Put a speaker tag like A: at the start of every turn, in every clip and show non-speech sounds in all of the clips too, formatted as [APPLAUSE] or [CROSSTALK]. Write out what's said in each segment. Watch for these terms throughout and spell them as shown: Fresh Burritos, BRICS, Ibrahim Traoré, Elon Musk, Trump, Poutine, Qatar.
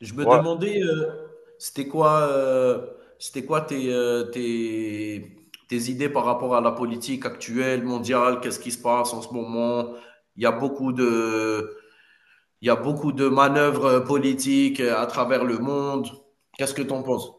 A: Je me
B: Ouais,
A: demandais, c'était quoi, heu, c'était quoi tes, tes idées par rapport à la politique actuelle, mondiale? Qu'est-ce qui se passe en ce moment? Il y a beaucoup de il y a beaucoup de manœuvres, politiques, à travers le monde. Qu'est-ce que tu en penses?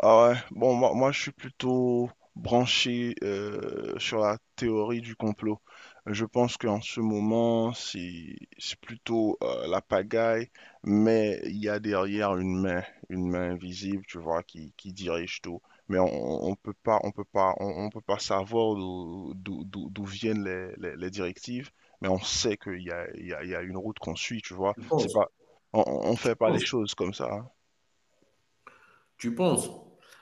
B: ah ouais. Bon, moi, je suis plutôt branché sur la théorie du complot. Je pense qu'en ce moment, c'est plutôt la pagaille, mais il y a derrière une main invisible, tu vois, qui dirige tout. Mais on peut pas, on peut pas, on peut pas savoir d'où viennent les directives, mais on sait qu'il y a, il y a, il y a une route qu'on suit, tu vois.
A: Tu
B: C'est
A: penses?
B: pas, on fait
A: Tu
B: pas les
A: penses?
B: choses comme ça.
A: Tu penses?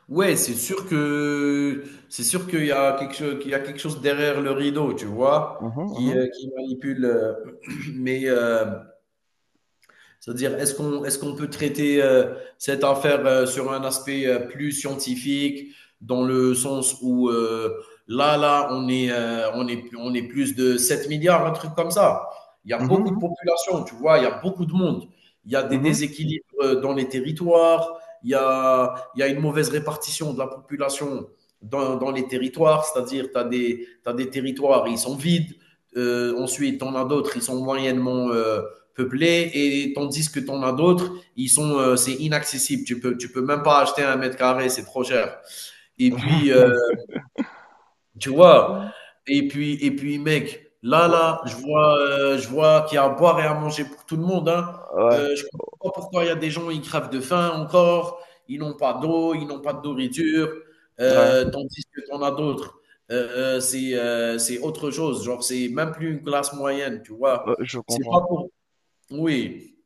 A: Ouais, c'est sûr que c'est sûr qu'il y a quelque cho qu'il y a quelque chose derrière le rideau, tu vois?
B: Mhm, mhm,
A: Qui manipule, [CLEARS THROAT] mais, heu. C'est-à-dire, est-ce qu'on peut traiter cette affaire sur un aspect plus scientifique, dans le sens où on est plus de 7 milliards, un truc comme ça. Il y a
B: mhm,
A: beaucoup de
B: mhm.
A: population, tu vois, il y a beaucoup de monde. Il y a des
B: Mhm.
A: déséquilibres dans les territoires, il y a une mauvaise répartition de la population dans les territoires, c'est-à-dire t'as des territoires, ils sont vides. Ensuite, on a d'autres, ils sont moyennement peuplés, et tandis que t'en as d'autres, ils sont, c'est inaccessible. Tu peux même pas acheter un mètre carré, c'est trop cher. Et puis,
B: [LAUGHS]
A: tu vois, et puis, mec,
B: Ouais,
A: je vois qu'il y a à boire et à manger pour tout le monde. Hein. Je comprends pas pourquoi il y a des gens ils crèvent de faim encore, ils n'ont pas d'eau, ils n'ont pas de nourriture,
B: ouais,
A: tandis que t'en as d'autres. C'est autre chose, genre c'est même plus une classe moyenne, tu vois.
B: ouais, je
A: C'est pas
B: comprends.
A: pour. Oui,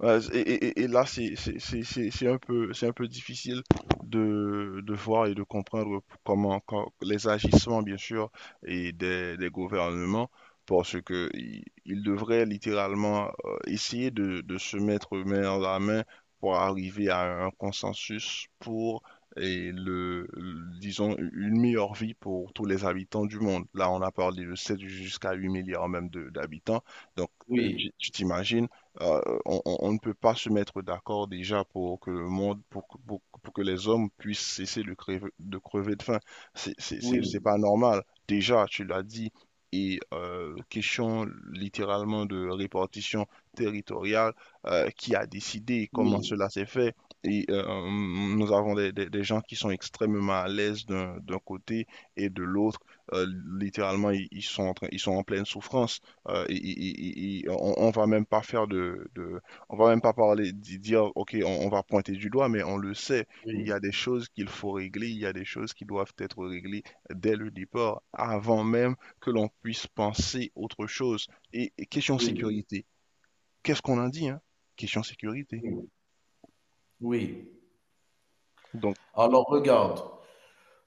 B: Ouais, et là, c'est un peu difficile de voir et de comprendre comment, les agissements, bien sûr, et des gouvernements, parce que ils devraient littéralement essayer de se mettre main dans la main pour arriver à un consensus et disons, une meilleure vie pour tous les habitants du monde. Là, on a parlé de 7 jusqu'à 8 milliards même d'habitants. Donc,
A: oui.
B: tu t'imagines on ne peut pas se mettre d'accord déjà pour que le monde, pour que les hommes puissent cesser de crever de faim. C'est c'est- c'est-
A: Oui,
B: c'est pas normal. Déjà, tu l'as dit, et question littéralement de répartition territoriale, qui a décidé comment
A: oui,
B: cela s'est fait. Et nous avons des gens qui sont extrêmement à l'aise d'un côté et de l'autre. Euh, littéralement, ils sont en pleine souffrance. On va même pas faire on va même pas parler, dire, ok, on va pointer du doigt, mais on le sait. Il y
A: oui,
B: a des choses qu'il faut régler, il y a des choses qui doivent être réglées dès le départ, avant même que l'on puisse penser autre chose. Et question
A: oui,
B: sécurité, qu'est-ce qu'on a dit, hein? Question sécurité.
A: oui, oui.
B: Donc,
A: Alors regarde,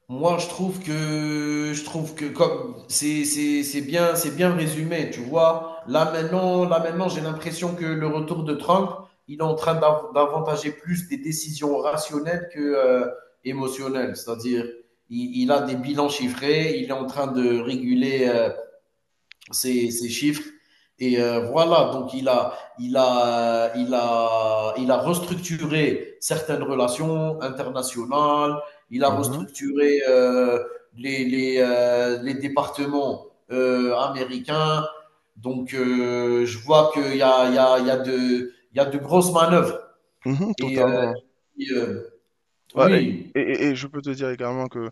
A: moi je trouve que comme c'est bien, c'est bien résumé, tu vois. Là maintenant, j'ai l'impression que le retour de Trump, il est en train d'avantager plus des décisions rationnelles que émotionnelles. C'est-à-dire, il a des bilans chiffrés, il est en train de réguler ces chiffres. Et voilà, donc il a restructuré certaines relations internationales. Il a
B: mhm,
A: restructuré les départements américains. Donc, je vois qu'il y a, il y a de, il y a de grosses manœuvres.
B: mhm,
A: Et,
B: totalement.
A: et, euh,
B: Ouais,
A: oui,
B: et je peux te dire également que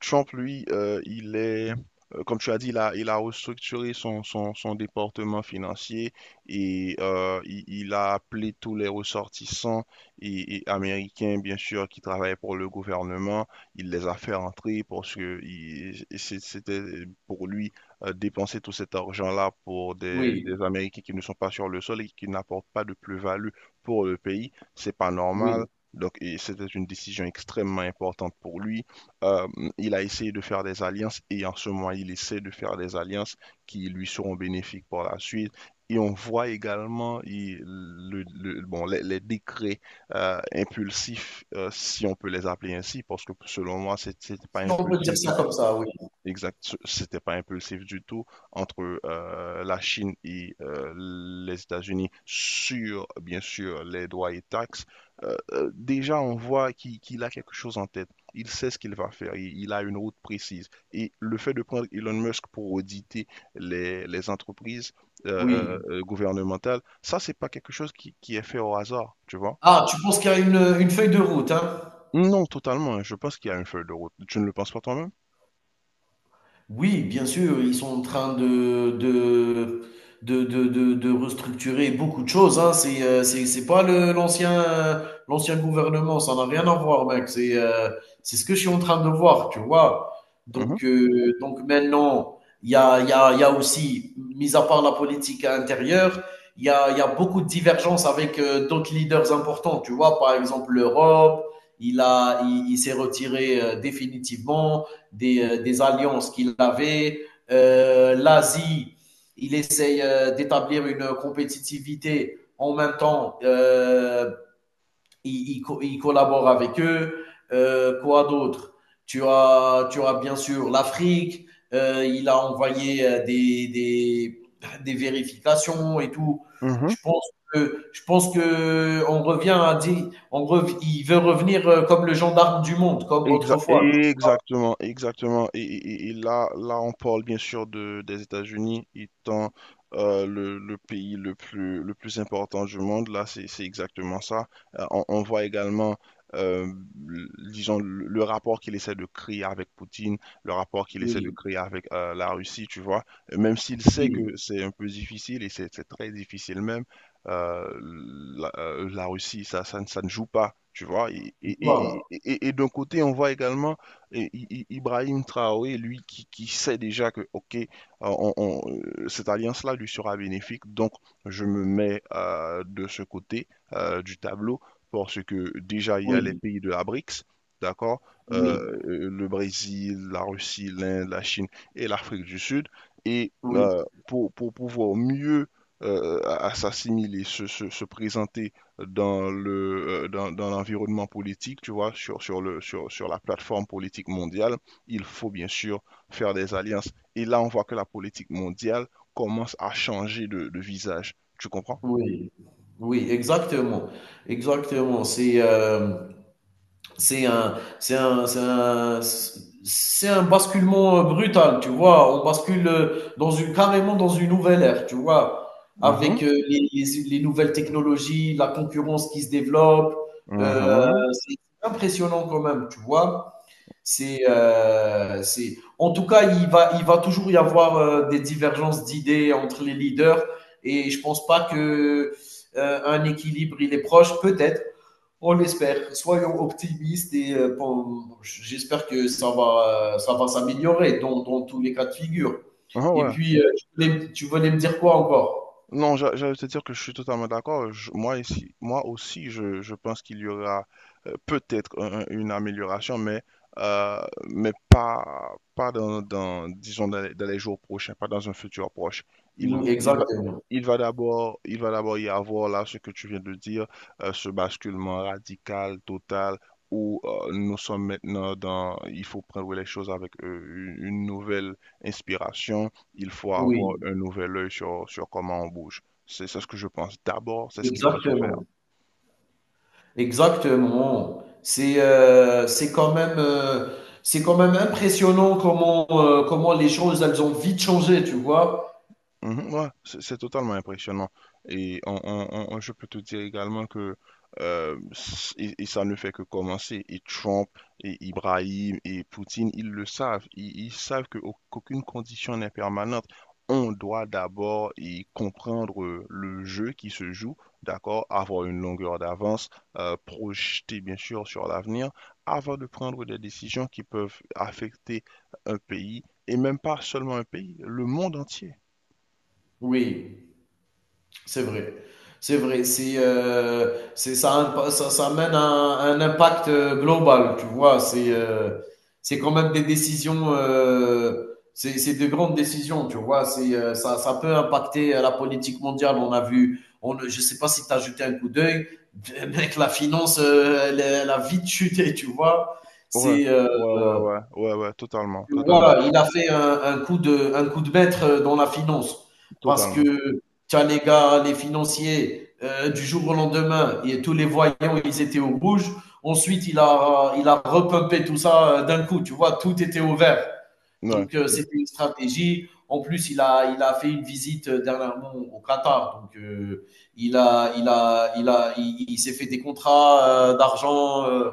B: Trump, lui, comme tu as dit, il a restructuré son département financier et il a appelé tous les ressortissants américains, bien sûr, qui travaillaient pour le gouvernement. Il les a fait rentrer parce que c'était pour lui dépenser tout cet argent-là pour des,
A: oui,
B: des Américains qui ne sont pas sur le sol et qui n'apportent pas de plus-value pour le pays. C'est pas normal.
A: oui.
B: Donc, c'était une décision extrêmement importante pour lui. Euh, il a essayé de faire des alliances et en ce moment, il essaie de faire des alliances qui lui seront bénéfiques par la suite. Et on voit également bon, les décrets impulsifs, si on peut les appeler ainsi, parce que selon moi, c'était pas
A: Si on peut dire
B: impulsif du
A: ça
B: tout.
A: comme ça, oui,
B: Exact, c'était pas impulsif du tout entre la Chine et les États-Unis sur, bien sûr, les droits et taxes. Déjà, on voit qu'il a quelque chose en tête. Il sait ce qu'il va faire. Il a une route précise. Et le fait de prendre Elon Musk pour auditer les entreprises
A: oui.
B: gouvernementales, ça, c'est pas quelque chose qui est fait au hasard, tu vois?
A: Ah, tu penses qu'il y a une feuille de route, hein?
B: Non, totalement. Je pense qu'il y a une feuille de route. Tu ne le penses pas toi-même?
A: Oui, bien sûr, ils sont en train de restructurer beaucoup de choses, hein. C'est pas le, l'ancien, l'ancien gouvernement, ça n'a rien à voir, mec. C'est ce que je suis en train de voir, tu vois.
B: Mhm,
A: Donc maintenant, il y a aussi, mis à part la politique intérieure, il y a beaucoup de divergences avec d'autres leaders importants, tu vois. Par exemple, l'Europe, il s'est retiré définitivement des alliances qu'il avait. L'Asie, il essaye d'établir une compétitivité. En même temps, il collabore avec eux. Quoi d'autre. Tu as bien sûr l'Afrique. Il a envoyé vérifications et tout.
B: mhm.
A: Je pense je pense que on revient à dire, il veut revenir comme le gendarme du monde, comme
B: Exa-
A: autrefois.
B: exactement, exactement. Là, on parle bien sûr des États-Unis étant le pays le plus important du monde. Là, c'est exactement ça. On voit également, euh, disons, le rapport qu'il essaie de créer avec Poutine, le rapport qu'il essaie de
A: Oui,
B: créer avec la Russie, tu vois. Même s'il sait
A: oui.
B: que c'est un peu difficile, et c'est très difficile même, euh, la Russie, ça ne joue pas, tu vois. Et, et,
A: Tu.
B: et, et- et et d'un côté, on voit également Ibrahim Traoré, lui, qui sait déjà que, OK, cette alliance-là lui sera bénéfique, donc je me mets de ce côté du tableau, parce que déjà, il y a les
A: Oui,
B: pays de la BRICS, d'accord?
A: oui,
B: Le Brésil, la Russie, l'Inde, la Chine et l'Afrique du Sud. Et
A: oui,
B: pour pouvoir mieux à s'assimiler, se présenter dans dans l'environnement politique, tu vois, sur la plateforme politique mondiale, il faut bien sûr faire des alliances. Et là, on voit que la politique mondiale commence à changer de visage. Tu comprends?
A: oui, oui, exactement, exactement. C'est un, c'est un, c'est un, c'est un basculement brutal, tu vois. On bascule dans une, carrément dans une nouvelle ère, tu vois,
B: Mhm,
A: avec les nouvelles technologies, la concurrence qui se développe. euh,
B: mhm,
A: c'est impressionnant quand même, tu vois. En tout cas, il va toujours y avoir des divergences d'idées entre les leaders et je pense pas que un équilibre il est proche. Peut-être, on l'espère. Soyons optimistes et bon, j'espère que ça va s'améliorer dans, dans tous les cas de figure.
B: mhm,
A: Et
B: ouais.
A: puis, tu voulais me dire quoi encore.
B: Non, j'allais te dire que je suis totalement d'accord. Moi ici, moi aussi, je pense qu'il y aura peut-être une amélioration, euh, mais pas dans, disons dans les jours prochains, pas dans un futur proche. Il
A: Oui,
B: il va
A: exactement.
B: il va d'abord y avoir là ce que tu viens de dire, ce basculement radical, total. Où nous sommes maintenant il faut prendre les choses avec une nouvelle inspiration, il faut avoir
A: Oui,
B: un nouvel œil sur comment on bouge. C'est ce que je pense. D'abord, c'est ce qui doit se faire.
A: exactement. Exactement. C'est quand même impressionnant comment comment les choses elles ont vite changé, tu vois.
B: Mhm, ouais, c'est totalement impressionnant. Et je peux te dire également que et ça ne fait que commencer. Et Trump, et Ibrahim, et Poutine, ils le savent. Ils savent que qu'aucune condition n'est permanente. On doit d'abord y comprendre le jeu qui se joue, d'accord, avoir une longueur d'avance, projeter bien sûr sur l'avenir, avant de prendre des décisions qui peuvent affecter un pays, et même pas seulement un pays, le monde entier.
A: Oui. C'est vrai. C'est vrai. C'est, ça, a ça amène un impact global, tu vois. C'est quand même des décisions, c'est de grandes décisions, tu vois. Ça peut impacter la politique mondiale. On a vu, on, je sais pas si tu as jeté un coup d'œil. [LAUGHS] Mec, la finance, elle a vite chuté, tu vois.
B: Ouais,
A: C'est,
B: ouais, ouais, ouais, ouais, ouais, totalement,
A: tu
B: totalement,
A: il a fait un coup de maître dans la finance. Parce que
B: totalement.
A: tu as les gars, les financiers, du jour au lendemain, et tous les voyants, ils étaient au rouge. Ensuite, il a repumpé tout ça d'un coup. Tu vois, tout était au vert.
B: Ouais.
A: Donc, c'était une stratégie. En plus, il a fait une visite dernièrement au Qatar. Donc, il s'est fait des contrats d'argent. euh.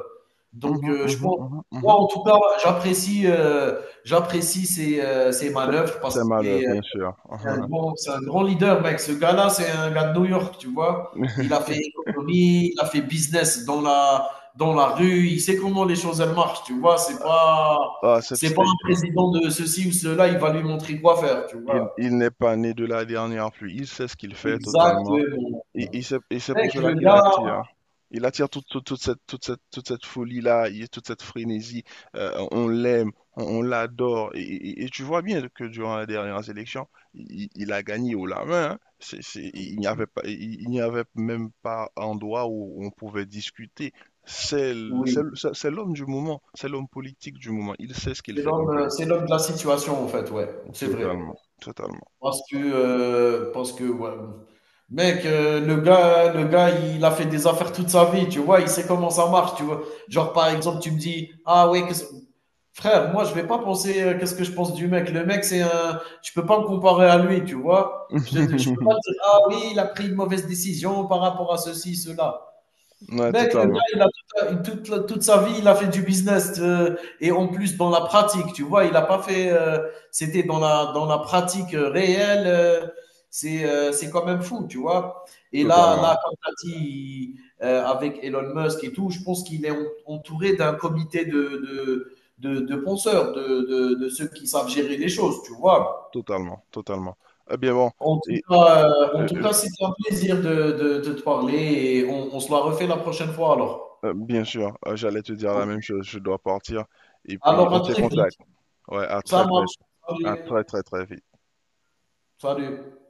A: donc,
B: Mhm,
A: Je
B: mhm,
A: pense,
B: mhm,
A: moi
B: mhm.
A: en tout cas, j'apprécie euh, j'apprécie ses, ses
B: C'est
A: manœuvres
B: c'est
A: parce qu'il
B: malheur,
A: est,
B: bien sûr. [LAUGHS]
A: c'est un grand leader, mec. Ce gars-là, c'est un gars de New York, tu vois. Il a fait économie, il a fait business dans la rue. Il sait comment les choses, elles marchent, tu vois.
B: Ah, c'est-
A: C'est pas
B: c'est-
A: un président de ceci ou cela, il va lui montrer quoi faire, tu
B: il
A: vois.
B: il n'est pas né de la dernière pluie. Il sait ce qu'il fait totalement.
A: Exactement.
B: Et c'est
A: Mec,
B: pour cela
A: le
B: qu'il
A: gars,
B: attire. Hein. Il attire toute cette folie-là, toute cette frénésie. On l'aime, on l'adore. Et tu vois bien que durant la dernière élection, il a gagné haut la main. Hein. Il n'y avait même pas endroit où on pouvait discuter. C'est l- c'est
A: oui,
B: l- c'est- c'est l'homme du moment, c'est l'homme politique du moment. Il sait ce qu'il fait, comme je l'ai
A: c'est
B: dit.
A: l'homme de la situation, en fait, ouais. C'est vrai.
B: Totalement, totalement.
A: Parce que ouais, mec, le gars, il a fait des affaires toute sa vie, tu vois? Il sait comment ça marche, tu vois? Genre, par exemple, tu me dis: «Ah ouais, qu'est-ce» frère, moi, je vais pas penser, qu'est-ce que je pense du mec? Le mec, c'est un je peux pas me comparer à lui, tu vois? Je peux pas
B: [LAUGHS]
A: dire: «Ah oui, il a pris une mauvaise décision par rapport à ceci, cela».
B: Ouais,
A: Mec, le gars,
B: totalement,
A: il a toute sa vie, il a fait du business, et en plus dans la pratique, tu vois, il n'a pas fait. C'était dans la pratique réelle, c'est quand même fou, tu vois. Et là, là
B: totalement.
A: comme tu as dit, avec Elon Musk et tout, je pense qu'il est entouré d'un comité de penseurs, de ceux qui savent gérer les choses, tu vois.
B: Totalement, totalement. Eh bien bon, et
A: En
B: euh,
A: tout
B: euh,
A: cas, c'était un plaisir de te parler et on se la refait la prochaine fois alors.
B: bien sûr, j'allais te dire la même chose, je dois partir. Et puis
A: Alors,
B: on
A: à
B: tient
A: très vite.
B: contact. Ouais,
A: Ça marche. Salut.
B: à très très très vite.
A: Salut.